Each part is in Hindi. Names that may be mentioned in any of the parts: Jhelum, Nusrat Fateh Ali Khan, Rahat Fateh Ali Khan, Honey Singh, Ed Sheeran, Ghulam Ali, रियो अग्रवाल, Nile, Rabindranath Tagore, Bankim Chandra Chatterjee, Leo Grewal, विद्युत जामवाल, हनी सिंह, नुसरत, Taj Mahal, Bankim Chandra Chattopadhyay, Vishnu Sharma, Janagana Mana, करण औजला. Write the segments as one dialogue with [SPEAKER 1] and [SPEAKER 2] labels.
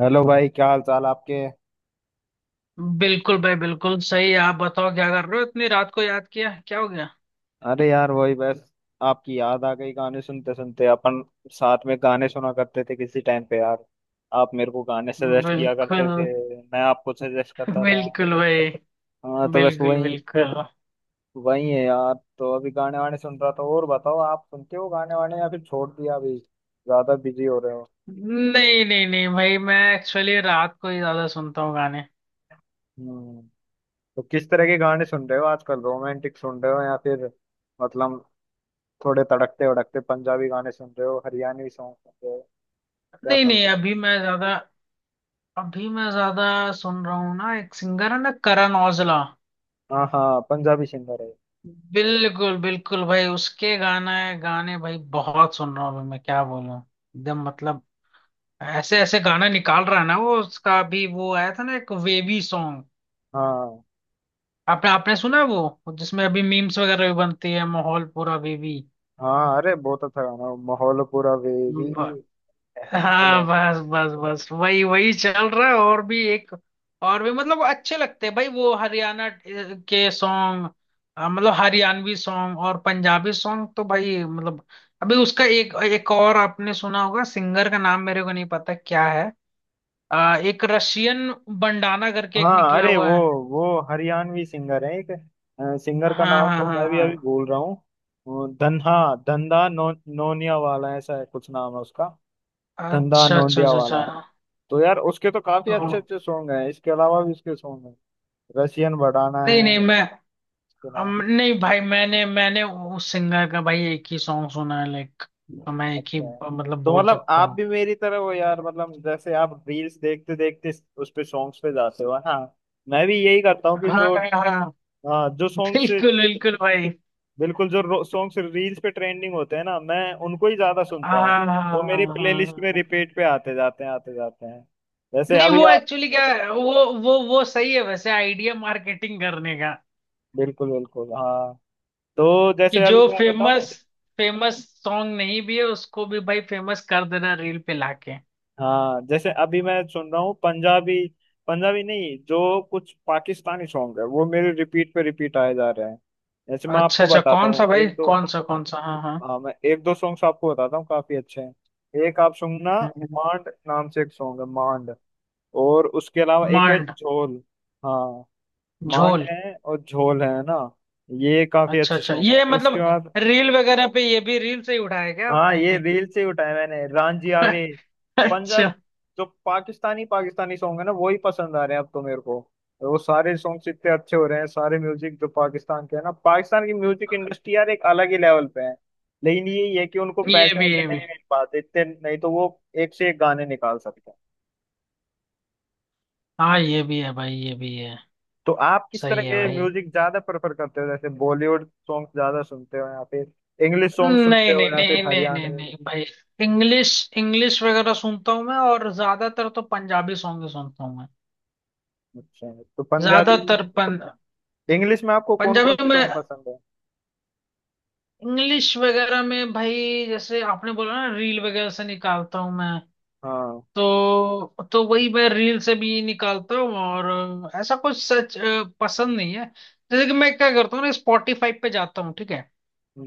[SPEAKER 1] हेलो भाई, क्या हाल चाल आपके।
[SPEAKER 2] बिल्कुल भाई, बिल्कुल सही। आप बताओ क्या कर रहे हो इतनी रात को? याद किया, क्या हो गया?
[SPEAKER 1] अरे यार, वही बस आपकी याद आ गई। गाने सुनते सुनते अपन साथ में गाने सुना करते थे किसी टाइम पे यार। आप मेरे को गाने सजेस्ट किया
[SPEAKER 2] बिल्कुल।
[SPEAKER 1] करते थे, मैं आपको सजेस्ट करता था।
[SPEAKER 2] बिल्कुल भाई।
[SPEAKER 1] हाँ तो बस
[SPEAKER 2] बिल्कुल
[SPEAKER 1] वही
[SPEAKER 2] बिल्कुल
[SPEAKER 1] वही है यार। तो अभी गाने वाने सुन रहा था। और बताओ, आप सुनते हो गाने वाने या फिर छोड़ दिया, अभी ज्यादा बिजी हो रहे हो।
[SPEAKER 2] नहीं नहीं नहीं भाई, मैं एक्चुअली रात को ही ज्यादा सुनता हूँ गाने।
[SPEAKER 1] हम्म। तो किस तरह के गाने सुन रहे हो आजकल, रोमांटिक सुन रहे हो या फिर मतलब थोड़े तड़कते भड़कते पंजाबी गाने सुन रहे हो, हरियाणवी सॉन्ग सुन रहे हो, क्या
[SPEAKER 2] नहीं नहीं
[SPEAKER 1] सुनते हो।
[SPEAKER 2] अभी मैं ज्यादा, अभी मैं ज्यादा सुन रहा हूँ ना, एक सिंगर है ना करण औजला।
[SPEAKER 1] हाँ हाँ पंजाबी सिंगर है।
[SPEAKER 2] बिल्कुल बिल्कुल भाई, उसके गाना गाने भाई बहुत सुन रहा हूँ अभी मैं, क्या बोलूँ। एकदम मतलब ऐसे ऐसे गाना निकाल रहा है ना वो। उसका अभी वो आया था ना एक वेवी सॉन्ग।
[SPEAKER 1] हाँ
[SPEAKER 2] आपने आपने सुना है वो, जिसमें अभी मीम्स वगैरह भी बनती है, माहौल पूरा बेबी।
[SPEAKER 1] हाँ, अरे बहुत अच्छा गाना वो, माहौल पूरा वेवी।
[SPEAKER 2] ब-
[SPEAKER 1] वो
[SPEAKER 2] हाँ बस बस बस, वही वही चल रहा है। और भी एक, और भी मतलब अच्छे लगते हैं भाई वो हरियाणा के सॉन्ग। मतलब हरियाणवी सॉन्ग और पंजाबी सॉन्ग तो भाई मतलब, अभी उसका एक, एक और आपने सुना होगा। सिंगर का नाम मेरे को नहीं पता क्या है। एक रशियन बंडाना करके एक
[SPEAKER 1] हाँ
[SPEAKER 2] निकला
[SPEAKER 1] अरे
[SPEAKER 2] हुआ है।
[SPEAKER 1] वो हरियाणवी सिंगर है एक। सिंगर का
[SPEAKER 2] हाँ
[SPEAKER 1] नाम
[SPEAKER 2] हाँ
[SPEAKER 1] तो मैं भी अभी
[SPEAKER 2] हाँ
[SPEAKER 1] भूल रहा हूँ। वो धन्हा धंधा नो, नोनिया वाला ऐसा है, कुछ नाम है उसका,
[SPEAKER 2] हाँ
[SPEAKER 1] धंधा
[SPEAKER 2] अच्छा अच्छा
[SPEAKER 1] नोंदिया
[SPEAKER 2] अच्छा
[SPEAKER 1] वाला।
[SPEAKER 2] अच्छा।
[SPEAKER 1] तो यार उसके तो काफी
[SPEAKER 2] ओह,
[SPEAKER 1] अच्छे अच्छे सॉन्ग हैं, इसके अलावा भी उसके सॉन्ग हैं। रशियन बड़ाना
[SPEAKER 2] नहीं
[SPEAKER 1] है
[SPEAKER 2] नहीं मैं
[SPEAKER 1] उसके
[SPEAKER 2] हम
[SPEAKER 1] अलावा।
[SPEAKER 2] नहीं भाई, मैंने मैंने उस सिंगर का भाई एक ही सॉन्ग सुना है लाइक। तो मैं एक ही
[SPEAKER 1] अच्छा है।
[SPEAKER 2] मतलब
[SPEAKER 1] तो
[SPEAKER 2] बोल
[SPEAKER 1] मतलब
[SPEAKER 2] सकता
[SPEAKER 1] आप
[SPEAKER 2] हूँ।
[SPEAKER 1] भी मेरी तरह हो यार, मतलब जैसे आप रील्स देखते देखते उस पे सॉन्ग्स पे जाते हो, हाँ मैं भी यही करता हूँ। कि
[SPEAKER 2] हाँ।
[SPEAKER 1] जो
[SPEAKER 2] हाँ
[SPEAKER 1] हाँ जो सॉन्ग्स
[SPEAKER 2] बिल्कुल बिल्कुल भाई।
[SPEAKER 1] बिल्कुल जो सॉन्ग्स रील्स पे ट्रेंडिंग होते हैं ना, मैं उनको ही ज्यादा सुनता हूँ।
[SPEAKER 2] हाँ हाँ
[SPEAKER 1] वो मेरी
[SPEAKER 2] हाँ,
[SPEAKER 1] प्लेलिस्ट में
[SPEAKER 2] हाँ।
[SPEAKER 1] रिपीट पे आते जाते हैं, आते जाते हैं। जैसे
[SPEAKER 2] नहीं,
[SPEAKER 1] अभी
[SPEAKER 2] वो
[SPEAKER 1] आप
[SPEAKER 2] एक्चुअली क्या है, वो सही है वैसे आइडिया, मार्केटिंग करने का।
[SPEAKER 1] बिल्कुल बिल्कुल हाँ तो
[SPEAKER 2] कि
[SPEAKER 1] जैसे
[SPEAKER 2] जो
[SPEAKER 1] अभी मैं
[SPEAKER 2] फेमस,
[SPEAKER 1] बताऊँ।
[SPEAKER 2] फेमस सॉन्ग नहीं भी है उसको भी भाई फेमस कर देना रील पे लाके।
[SPEAKER 1] हाँ, जैसे अभी मैं सुन रहा हूँ पंजाबी पंजाबी नहीं, जो कुछ पाकिस्तानी सॉन्ग है वो मेरे रिपीट पे रिपीट आए जा रहे हैं। जैसे मैं
[SPEAKER 2] अच्छा
[SPEAKER 1] आपको
[SPEAKER 2] अच्छा,
[SPEAKER 1] बताता
[SPEAKER 2] कौन
[SPEAKER 1] हूँ
[SPEAKER 2] सा भाई,
[SPEAKER 1] एक दो
[SPEAKER 2] कौन सा? हाँ हाँ।
[SPEAKER 1] हाँ, मैं एक दो सॉन्ग्स आपको बताता हूँ, काफी अच्छे हैं, एक आप सुनना।
[SPEAKER 2] हम्म।
[SPEAKER 1] मांड नाम से एक सॉन्ग है, मांड। और उसके अलावा एक है
[SPEAKER 2] मांड।
[SPEAKER 1] झोल। हाँ, मांड
[SPEAKER 2] झोल।
[SPEAKER 1] है और झोल है ना, ये काफी
[SPEAKER 2] अच्छा
[SPEAKER 1] अच्छे
[SPEAKER 2] अच्छा,
[SPEAKER 1] सॉन्ग है।
[SPEAKER 2] ये
[SPEAKER 1] उसके
[SPEAKER 2] मतलब
[SPEAKER 1] बाद
[SPEAKER 2] रील वगैरह पे, ये भी रील से ही उठाया क्या
[SPEAKER 1] हाँ,
[SPEAKER 2] आपने?
[SPEAKER 1] ये रील से ही उठाया मैंने, रांझिया वे। पंजाब,
[SPEAKER 2] अच्छा।
[SPEAKER 1] जो पाकिस्तानी पाकिस्तानी सॉन्ग है ना, वही पसंद आ रहे हैं अब तो मेरे को। वो सारे सॉन्ग्स इतने अच्छे हो रहे हैं, सारे म्यूजिक जो पाकिस्तान के है ना, पाकिस्तान की म्यूजिक इंडस्ट्री यार एक अलग ही लेवल पे है। लेकिन ये है कि उनको पैसे वैसे
[SPEAKER 2] ये भी
[SPEAKER 1] नहीं मिल पाते इतने, नहीं तो वो एक से एक गाने निकाल सकते हैं।
[SPEAKER 2] हाँ ये भी है भाई, ये भी है।
[SPEAKER 1] तो आप किस तरह
[SPEAKER 2] सही है
[SPEAKER 1] के
[SPEAKER 2] भाई।
[SPEAKER 1] म्यूजिक ज्यादा प्रेफर करते हो, जैसे बॉलीवुड सॉन्ग ज्यादा सुनते हो या फिर इंग्लिश सॉन्ग सुनते
[SPEAKER 2] नहीं
[SPEAKER 1] हो
[SPEAKER 2] नहीं
[SPEAKER 1] या फिर
[SPEAKER 2] नहीं नहीं नहीं
[SPEAKER 1] हरियाणवी।
[SPEAKER 2] नहीं भाई, इंग्लिश इंग्लिश वगैरह सुनता हूँ मैं, और ज्यादातर तो पंजाबी सॉन्ग ही सुनता हूँ मैं।
[SPEAKER 1] अच्छा, तो पंजाबी में
[SPEAKER 2] ज्यादातर पं,
[SPEAKER 1] इंग्लिश में आपको कौन कौन
[SPEAKER 2] पंजाबी
[SPEAKER 1] से सॉन्ग
[SPEAKER 2] में,
[SPEAKER 1] पसंद है।
[SPEAKER 2] इंग्लिश वगैरह में भाई जैसे आपने बोला ना रील वगैरह से निकालता हूँ मैं।
[SPEAKER 1] हाँ
[SPEAKER 2] तो वही मैं रील से भी निकालता हूँ, और ऐसा कुछ सच पसंद नहीं है। जैसे कि मैं क्या करता हूँ ना, स्पॉटिफाई पे जाता हूँ ठीक है,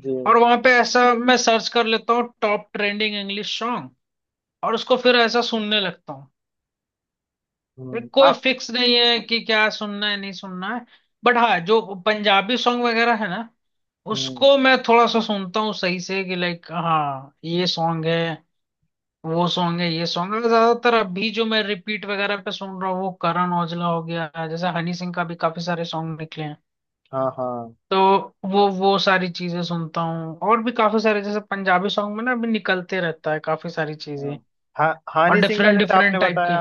[SPEAKER 1] जी।
[SPEAKER 2] और वहां पे ऐसा मैं सर्च कर लेता हूँ टॉप ट्रेंडिंग इंग्लिश सॉन्ग, और उसको फिर ऐसा सुनने लगता हूँ। फिर
[SPEAKER 1] हम्म।
[SPEAKER 2] कोई
[SPEAKER 1] आप।
[SPEAKER 2] फिक्स नहीं है कि क्या सुनना है नहीं सुनना है। बट हाँ, जो पंजाबी सॉन्ग वगैरह है ना,
[SPEAKER 1] हम्म।
[SPEAKER 2] उसको मैं थोड़ा सा सुनता हूँ सही से कि लाइक हाँ ये सॉन्ग है, वो सॉन्ग है, ये सॉन्ग है। ज्यादातर अभी जो मैं रिपीट वगैरह पे सुन रहा हूँ वो करण औजला हो गया, जैसे हनी सिंह का भी काफी सारे सॉन्ग निकले हैं।
[SPEAKER 1] हाँ हाँ
[SPEAKER 2] तो वो सारी चीजें सुनता हूँ। और भी काफी सारे जैसे पंजाबी सॉन्ग में ना अभी निकलते रहता है काफी सारी
[SPEAKER 1] हाँ।
[SPEAKER 2] चीजें,
[SPEAKER 1] हा,
[SPEAKER 2] और
[SPEAKER 1] हानी सिंह का
[SPEAKER 2] डिफरेंट
[SPEAKER 1] जैसे आपने
[SPEAKER 2] डिफरेंट टाइप के।
[SPEAKER 1] बताया,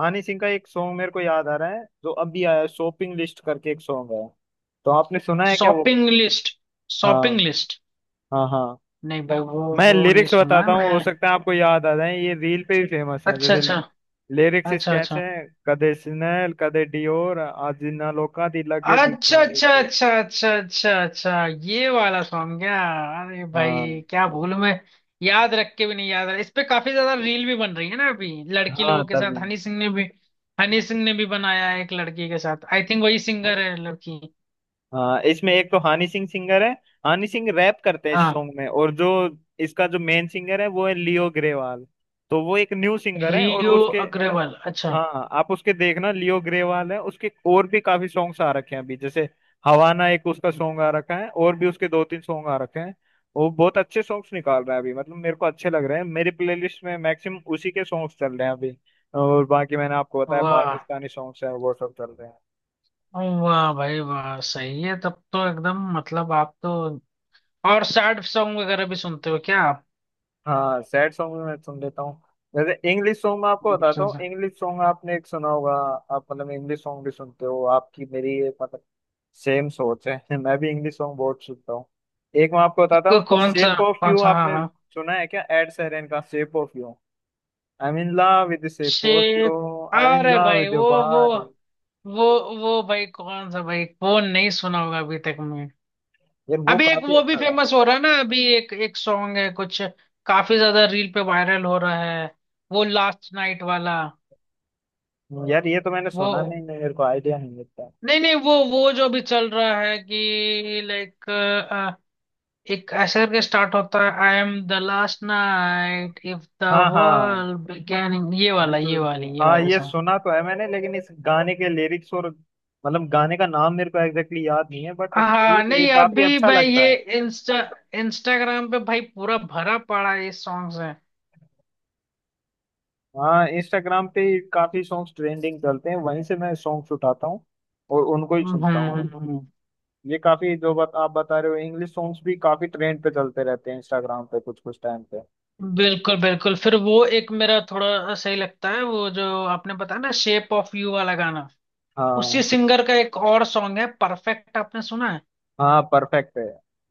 [SPEAKER 1] हानी सिंह का एक सॉन्ग मेरे को याद आ रहा है जो अभी आया है, शॉपिंग लिस्ट करके एक सॉन्ग है, तो आपने सुना है क्या वो।
[SPEAKER 2] Shopping list.
[SPEAKER 1] हाँ
[SPEAKER 2] शॉपिंग लिस्ट
[SPEAKER 1] हाँ। हाँ,
[SPEAKER 2] नहीं भाई, वो
[SPEAKER 1] मैं
[SPEAKER 2] वो नहीं
[SPEAKER 1] लिरिक्स
[SPEAKER 2] सुना है
[SPEAKER 1] बताता हूँ,
[SPEAKER 2] मैं।
[SPEAKER 1] हो सकता है आपको याद आ जाए, ये रील पे भी फेमस है।
[SPEAKER 2] अच्छा
[SPEAKER 1] जैसे
[SPEAKER 2] अच्छा
[SPEAKER 1] लिरिक्स इसके
[SPEAKER 2] अच्छा
[SPEAKER 1] ऐसे
[SPEAKER 2] अच्छा
[SPEAKER 1] हैं, कदे स्नेल कदे डियोर आज ना लोका दी लगे दी इस
[SPEAKER 2] अच्छा अच्छा
[SPEAKER 1] तरह।
[SPEAKER 2] अच्छा अच्छा अच्छा अच्छा, ये वाला सॉन्ग क्या? अरे भाई,
[SPEAKER 1] हाँ,
[SPEAKER 2] क्या भूल मैं, याद रख के भी नहीं याद रहा। इस पे काफी ज्यादा रील भी बन रही है ना अभी लड़की
[SPEAKER 1] हाँ
[SPEAKER 2] लोगों के
[SPEAKER 1] तभी।
[SPEAKER 2] साथ। हनी सिंह ने भी बनाया है एक लड़की के साथ, आई थिंक वही सिंगर है लड़की।
[SPEAKER 1] हाँ, इसमें एक तो हनी सिंह सिंगर है, हनी सिंह रैप करते हैं इस
[SPEAKER 2] हाँ।
[SPEAKER 1] सॉन्ग में। और जो इसका जो मेन सिंगर है वो है लियो ग्रेवाल, तो वो एक न्यू सिंगर है। और
[SPEAKER 2] रियो
[SPEAKER 1] उसके
[SPEAKER 2] अग्रवाल, अच्छा।
[SPEAKER 1] हाँ, आप उसके देखना, लियो ग्रेवाल है, उसके और भी काफी सॉन्ग्स आ रखे हैं अभी, जैसे हवाना एक उसका सॉन्ग आ रखा है और भी उसके दो तीन सॉन्ग आ रखे हैं। वो बहुत अच्छे सॉन्ग्स निकाल रहा है अभी, मतलब मेरे को अच्छे लग रहे हैं, मेरी प्लेलिस्ट में मैक्सिमम उसी के सॉन्ग्स चल रहे हैं अभी। और बाकी मैंने आपको बताया
[SPEAKER 2] वाह,
[SPEAKER 1] पाकिस्तानी सॉन्ग्स हैं, वो सब चल रहे हैं।
[SPEAKER 2] वाह भाई वाह, सही है तब तो एकदम, मतलब आप तो। और सैड सॉन्ग वगैरह भी सुनते हो क्या आप?
[SPEAKER 1] हाँ सैड सॉन्ग भी मैं सुन लेता हूँ। जैसे इंग्लिश सॉन्ग में आपको बताता हूँ, इंग्लिश सॉन्ग आपने एक सुना होगा। आप मतलब इंग्लिश सॉन्ग भी सुनते हो, आपकी मेरी ये मतलब सेम सोच है मैं भी इंग्लिश सॉन्ग बहुत सुनता हूँ। एक मैं आपको बताता
[SPEAKER 2] तो
[SPEAKER 1] हूँ,
[SPEAKER 2] कौन सा
[SPEAKER 1] शेप ऑफ
[SPEAKER 2] कौन
[SPEAKER 1] यू
[SPEAKER 2] सा? हाँ
[SPEAKER 1] आपने
[SPEAKER 2] हाँ।
[SPEAKER 1] सुना है क्या, एड शेरन का shape of you. I am in love with shape of you,
[SPEAKER 2] shape,
[SPEAKER 1] I am in
[SPEAKER 2] अरे
[SPEAKER 1] लव
[SPEAKER 2] भाई
[SPEAKER 1] विद योर
[SPEAKER 2] वो,
[SPEAKER 1] बॉडी।
[SPEAKER 2] वो वो भाई कौन सा भाई, कौन नहीं सुना होगा अभी तक में।
[SPEAKER 1] यार वो
[SPEAKER 2] अभी एक
[SPEAKER 1] काफी
[SPEAKER 2] वो भी
[SPEAKER 1] अच्छा गाना
[SPEAKER 2] फेमस हो रहा है ना अभी, एक एक सॉन्ग है कुछ, काफी ज्यादा रील पे वायरल हो रहा है, वो लास्ट नाइट वाला।
[SPEAKER 1] है। यार ये तो मैंने
[SPEAKER 2] वो
[SPEAKER 1] सुना नहीं, नहीं मेरे को आइडिया नहीं मिलता।
[SPEAKER 2] नहीं नहीं वो जो अभी चल रहा है कि लाइक, एक ऐसे करके स्टार्ट होता है, I am the last night if the
[SPEAKER 1] हाँ हाँ,
[SPEAKER 2] वर्ल्ड बिगेनिंग, ये वाला,
[SPEAKER 1] बिल्कुल
[SPEAKER 2] ये
[SPEAKER 1] बिल्कुल,
[SPEAKER 2] वाली ये
[SPEAKER 1] हाँ
[SPEAKER 2] वाली
[SPEAKER 1] ये सुना तो है मैंने, लेकिन इस गाने के लिरिक्स और मतलब गाने का नाम मेरे को एग्जैक्टली याद नहीं है, बट
[SPEAKER 2] हाँ
[SPEAKER 1] ठीक है ये
[SPEAKER 2] नहीं,
[SPEAKER 1] काफी
[SPEAKER 2] अभी
[SPEAKER 1] अच्छा
[SPEAKER 2] मैं
[SPEAKER 1] लगता
[SPEAKER 2] ये
[SPEAKER 1] है।
[SPEAKER 2] इंस्टाग्राम पे भाई पूरा भरा पड़ा है ये सॉन्ग है।
[SPEAKER 1] हाँ इंस्टाग्राम पे काफी सॉन्ग्स ट्रेंडिंग चलते हैं, वहीं से मैं सॉन्ग्स उठाता हूँ और उनको ही
[SPEAKER 2] हम्म
[SPEAKER 1] सुनता हूँ।
[SPEAKER 2] हम्म, हम्म।
[SPEAKER 1] ये काफी जो बात आप बता रहे हो, इंग्लिश सॉन्ग्स भी काफी ट्रेंड पे चलते रहते हैं इंस्टाग्राम पे कुछ कुछ टाइम पे।
[SPEAKER 2] बिल्कुल बिल्कुल, फिर वो एक मेरा थोड़ा सही लगता है वो, जो आपने बताया ना शेप ऑफ यू वाला गाना, उसी
[SPEAKER 1] हाँ।
[SPEAKER 2] सिंगर का एक और सॉन्ग है परफेक्ट, आपने सुना है?
[SPEAKER 1] हाँ परफेक्ट है,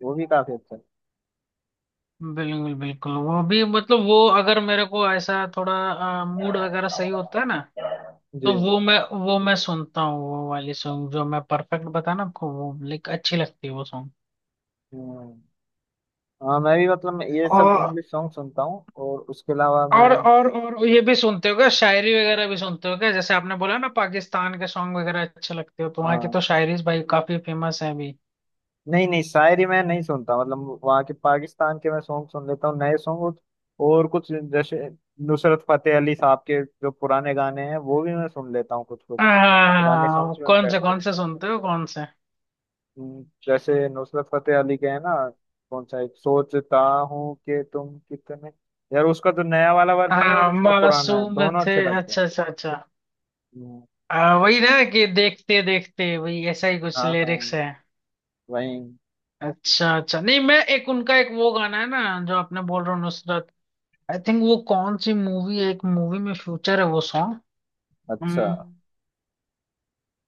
[SPEAKER 1] वो भी काफी अच्छा
[SPEAKER 2] बिल्कुल बिल्कुल, वो भी मतलब, वो अगर मेरे को ऐसा थोड़ा मूड वगैरह सही होता है ना,
[SPEAKER 1] है।
[SPEAKER 2] तो
[SPEAKER 1] जी।
[SPEAKER 2] वो मैं सुनता हूँ वो वाली सॉन्ग, जो मैं परफेक्ट बताया ना आपको, वो लाइक अच्छी लगती है वो
[SPEAKER 1] हम्म। हाँ मैं भी मतलब ये सब
[SPEAKER 2] सॉन्ग।
[SPEAKER 1] इंग्लिश सॉन्ग सुनता हूँ और उसके अलावा
[SPEAKER 2] और
[SPEAKER 1] मैं
[SPEAKER 2] और और ये भी सुनते हो क्या, शायरी वगैरह भी सुनते हो क्या? जैसे आपने बोला ना पाकिस्तान के सॉन्ग वगैरह अच्छे लगते हो, तो वहाँ की
[SPEAKER 1] हाँ,
[SPEAKER 2] तो शायरी भाई काफी फेमस है अभी।
[SPEAKER 1] नहीं नहीं शायरी मैं नहीं सुनता। मतलब वहाँ के पाकिस्तान के मैं सॉन्ग सुन लेता हूँ, नए सॉन्ग। और कुछ जैसे नुसरत फतेह अली साहब के जो पुराने गाने हैं वो भी मैं सुन लेता हूँ, कुछ कुछ पुराने सॉन्ग
[SPEAKER 2] हाँ,
[SPEAKER 1] भी उनके
[SPEAKER 2] कौन से
[SPEAKER 1] अच्छे
[SPEAKER 2] कौन
[SPEAKER 1] हैं।
[SPEAKER 2] से सुनते हो, कौन से?
[SPEAKER 1] जैसे नुसरत फतेह अली के है ना, कौन सा एक सोचता हूँ, कि तुम कितने, यार उसका तो नया वाला वर्जन है और
[SPEAKER 2] हाँ
[SPEAKER 1] उसका पुराना है,
[SPEAKER 2] मासूम
[SPEAKER 1] दोनों
[SPEAKER 2] थे।
[SPEAKER 1] अच्छे लगते हैं।
[SPEAKER 2] अच्छा अच्छा अच्छा।
[SPEAKER 1] हम्म,
[SPEAKER 2] वही ना कि देखते देखते, वही ऐसा ही कुछ
[SPEAKER 1] हाँ हाँ
[SPEAKER 2] लिरिक्स है।
[SPEAKER 1] वही।
[SPEAKER 2] अच्छा अच्छा। नहीं, मैं एक उनका एक वो गाना है ना, जो आपने बोल रहे हो नुसरत, आई थिंक वो कौन सी मूवी है, एक मूवी में फ्यूचर है वो
[SPEAKER 1] अच्छा,
[SPEAKER 2] सॉन्ग।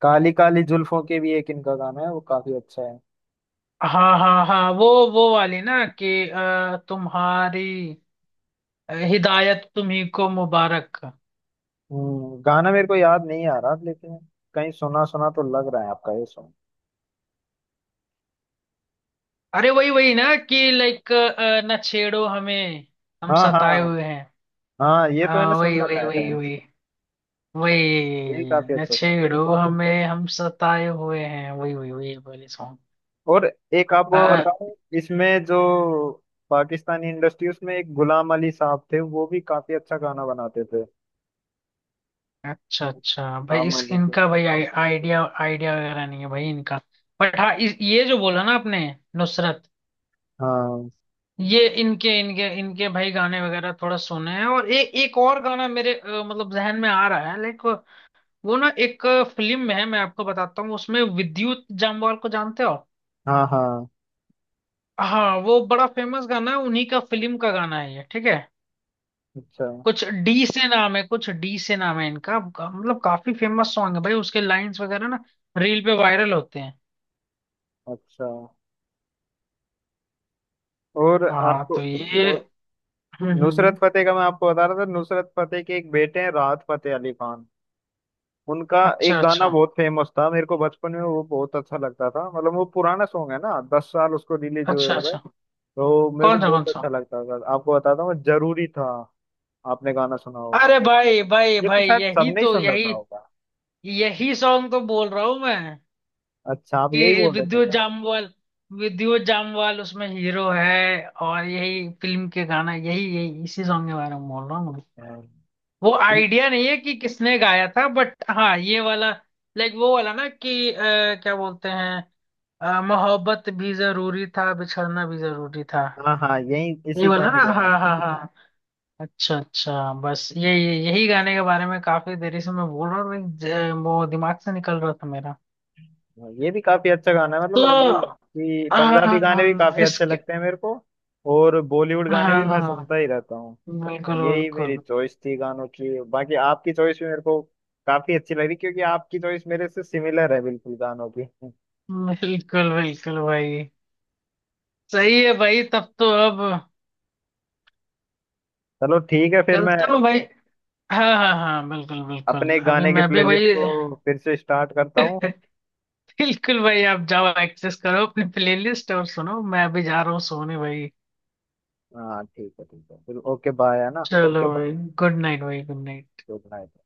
[SPEAKER 1] काली काली जुल्फों के भी एक इनका गाना है, वो काफी अच्छा है।
[SPEAKER 2] हाँ हाँ हाँ, वो वाली ना कि तुम्हारी हिदायत तुम्ही को मुबारक।
[SPEAKER 1] गाना मेरे को याद नहीं आ रहा लेकिन कहीं सुना सुना तो लग रहा है आपका ये सॉन्ग।
[SPEAKER 2] अरे वही वही ना कि लाइक, न छेड़ो हमें, हम
[SPEAKER 1] हाँ
[SPEAKER 2] सताए
[SPEAKER 1] हाँ,
[SPEAKER 2] हुए हैं।
[SPEAKER 1] हाँ ये तो मैंने
[SPEAKER 2] हाँ
[SPEAKER 1] सुन
[SPEAKER 2] वही वही
[SPEAKER 1] रखा है
[SPEAKER 2] वही
[SPEAKER 1] कहीं।
[SPEAKER 2] वही,
[SPEAKER 1] ये भी
[SPEAKER 2] वही
[SPEAKER 1] काफी
[SPEAKER 2] न
[SPEAKER 1] अच्छा सॉन्ग।
[SPEAKER 2] छेड़ो हमें हम सताए हुए हैं, वही वही वही वाली सॉन्ग।
[SPEAKER 1] और एक आपको बताऊं, इसमें जो पाकिस्तानी इंडस्ट्री उसमें एक गुलाम अली साहब थे, वो भी काफी अच्छा गाना बनाते थे।
[SPEAKER 2] अच्छा अच्छा भाई,
[SPEAKER 1] गुलाम
[SPEAKER 2] इस
[SPEAKER 1] अली के
[SPEAKER 2] इनका भाई, आइडिया आइडिया वगैरह नहीं है भाई इनका। बट हाँ ये जो बोला ना आपने, नुसरत,
[SPEAKER 1] हाँ
[SPEAKER 2] ये इनके इनके इनके भाई गाने वगैरह थोड़ा सुने हैं। और एक और गाना मेरे मतलब जहन में आ रहा है लाइक, वो ना एक फिल्म में है, मैं आपको बताता हूँ, उसमें विद्युत जामवाल को जानते हो।
[SPEAKER 1] हाँ हाँ।
[SPEAKER 2] हाँ, वो बड़ा फेमस गाना है, उन्हीं का फिल्म का गाना है ये, ठीक है।
[SPEAKER 1] अच्छा
[SPEAKER 2] कुछ डी से नाम है, इनका, मतलब काफी फेमस सॉन्ग है भाई, उसके लाइंस वगैरह ना रील पे वायरल होते हैं।
[SPEAKER 1] अच्छा। और
[SPEAKER 2] हाँ
[SPEAKER 1] आपको
[SPEAKER 2] तो ये,
[SPEAKER 1] और
[SPEAKER 2] हम्म हम्म
[SPEAKER 1] नुसरत
[SPEAKER 2] हम्म।
[SPEAKER 1] फतेह का मैं आपको बता रहा था, नुसरत फतेह के एक बेटे हैं राहत फतेह अली खान, उनका एक
[SPEAKER 2] अच्छा
[SPEAKER 1] गाना
[SPEAKER 2] अच्छा
[SPEAKER 1] बहुत फेमस था, मेरे को बचपन में वो बहुत अच्छा लगता था। मतलब वो पुराना सॉन्ग है ना, 10 साल उसको रिलीज हुए
[SPEAKER 2] अच्छा
[SPEAKER 1] हो गए।
[SPEAKER 2] अच्छा,
[SPEAKER 1] तो मेरे को
[SPEAKER 2] कौन सा?
[SPEAKER 1] बहुत अच्छा लगता था, आपको बताता हूँ, जरूरी था आपने गाना सुना हो,
[SPEAKER 2] अरे भाई भाई
[SPEAKER 1] ये तो
[SPEAKER 2] भाई,
[SPEAKER 1] शायद
[SPEAKER 2] यही
[SPEAKER 1] सबने ही
[SPEAKER 2] तो,
[SPEAKER 1] सुन
[SPEAKER 2] यही
[SPEAKER 1] रखा होगा।
[SPEAKER 2] यही सॉन्ग तो बोल रहा हूँ मैं।
[SPEAKER 1] अच्छा, आप यही
[SPEAKER 2] कि
[SPEAKER 1] बोल रहे थे क्या।
[SPEAKER 2] विद्युत जामवाल उसमें हीरो है, और यही फिल्म के गाना, यही यही इसी सॉन्ग के बारे में बोल रहा हूँ मैं।
[SPEAKER 1] हाँ
[SPEAKER 2] वो आइडिया नहीं है कि किसने गाया था, बट हाँ ये वाला, लाइक वो वाला ना कि क्या बोलते हैं, मोहब्बत भी जरूरी था, बिछड़ना भी जरूरी था,
[SPEAKER 1] हाँ हाँ, यही
[SPEAKER 2] ये
[SPEAKER 1] इसी
[SPEAKER 2] वाला
[SPEAKER 1] गाने
[SPEAKER 2] ना। हाँ
[SPEAKER 1] का है।
[SPEAKER 2] हाँ हाँ। हाँ। अच्छा अच्छा, बस ये, यही गाने के बारे में काफी देरी से मैं बोल रहा हूँ like, वो दिमाग से निकल रहा था मेरा।
[SPEAKER 1] हाँ, ये भी काफी अच्छा गाना है।
[SPEAKER 2] तो
[SPEAKER 1] मतलब वही है कि पंजाबी गाने भी
[SPEAKER 2] हाँ
[SPEAKER 1] काफी अच्छे
[SPEAKER 2] इसके।
[SPEAKER 1] लगते हैं मेरे को और बॉलीवुड गाने भी मैं
[SPEAKER 2] हाँ
[SPEAKER 1] सुनता ही रहता हूँ।
[SPEAKER 2] बिल्कुल
[SPEAKER 1] यही मेरी
[SPEAKER 2] बिल्कुल।
[SPEAKER 1] चॉइस थी गानों की, बाकी आपकी चॉइस भी मेरे को काफी अच्छी लग रही क्योंकि आपकी चॉइस मेरे से सिमिलर है बिल्कुल गानों की।
[SPEAKER 2] बिल्कुल बिल्कुल भाई, सही है भाई, तब तो अब
[SPEAKER 1] चलो ठीक है, फिर मैं
[SPEAKER 2] चलता हूँ भाई। हाँ हाँ हाँ, बिल्कुल बिल्कुल,
[SPEAKER 1] अपने
[SPEAKER 2] अभी
[SPEAKER 1] गाने के
[SPEAKER 2] मैं भी
[SPEAKER 1] प्लेलिस्ट
[SPEAKER 2] भाई।
[SPEAKER 1] को फिर से स्टार्ट करता हूँ।
[SPEAKER 2] बिल्कुल भाई, आप जाओ, एक्सेस करो अपनी प्लेलिस्ट और सुनो, मैं अभी जा रहा हूँ सोने भाई।
[SPEAKER 1] हाँ ठीक है ठीक है, फिर ओके बाय है ना।
[SPEAKER 2] चलो भाई, गुड नाइट भाई, गुड नाइट।
[SPEAKER 1] Good night.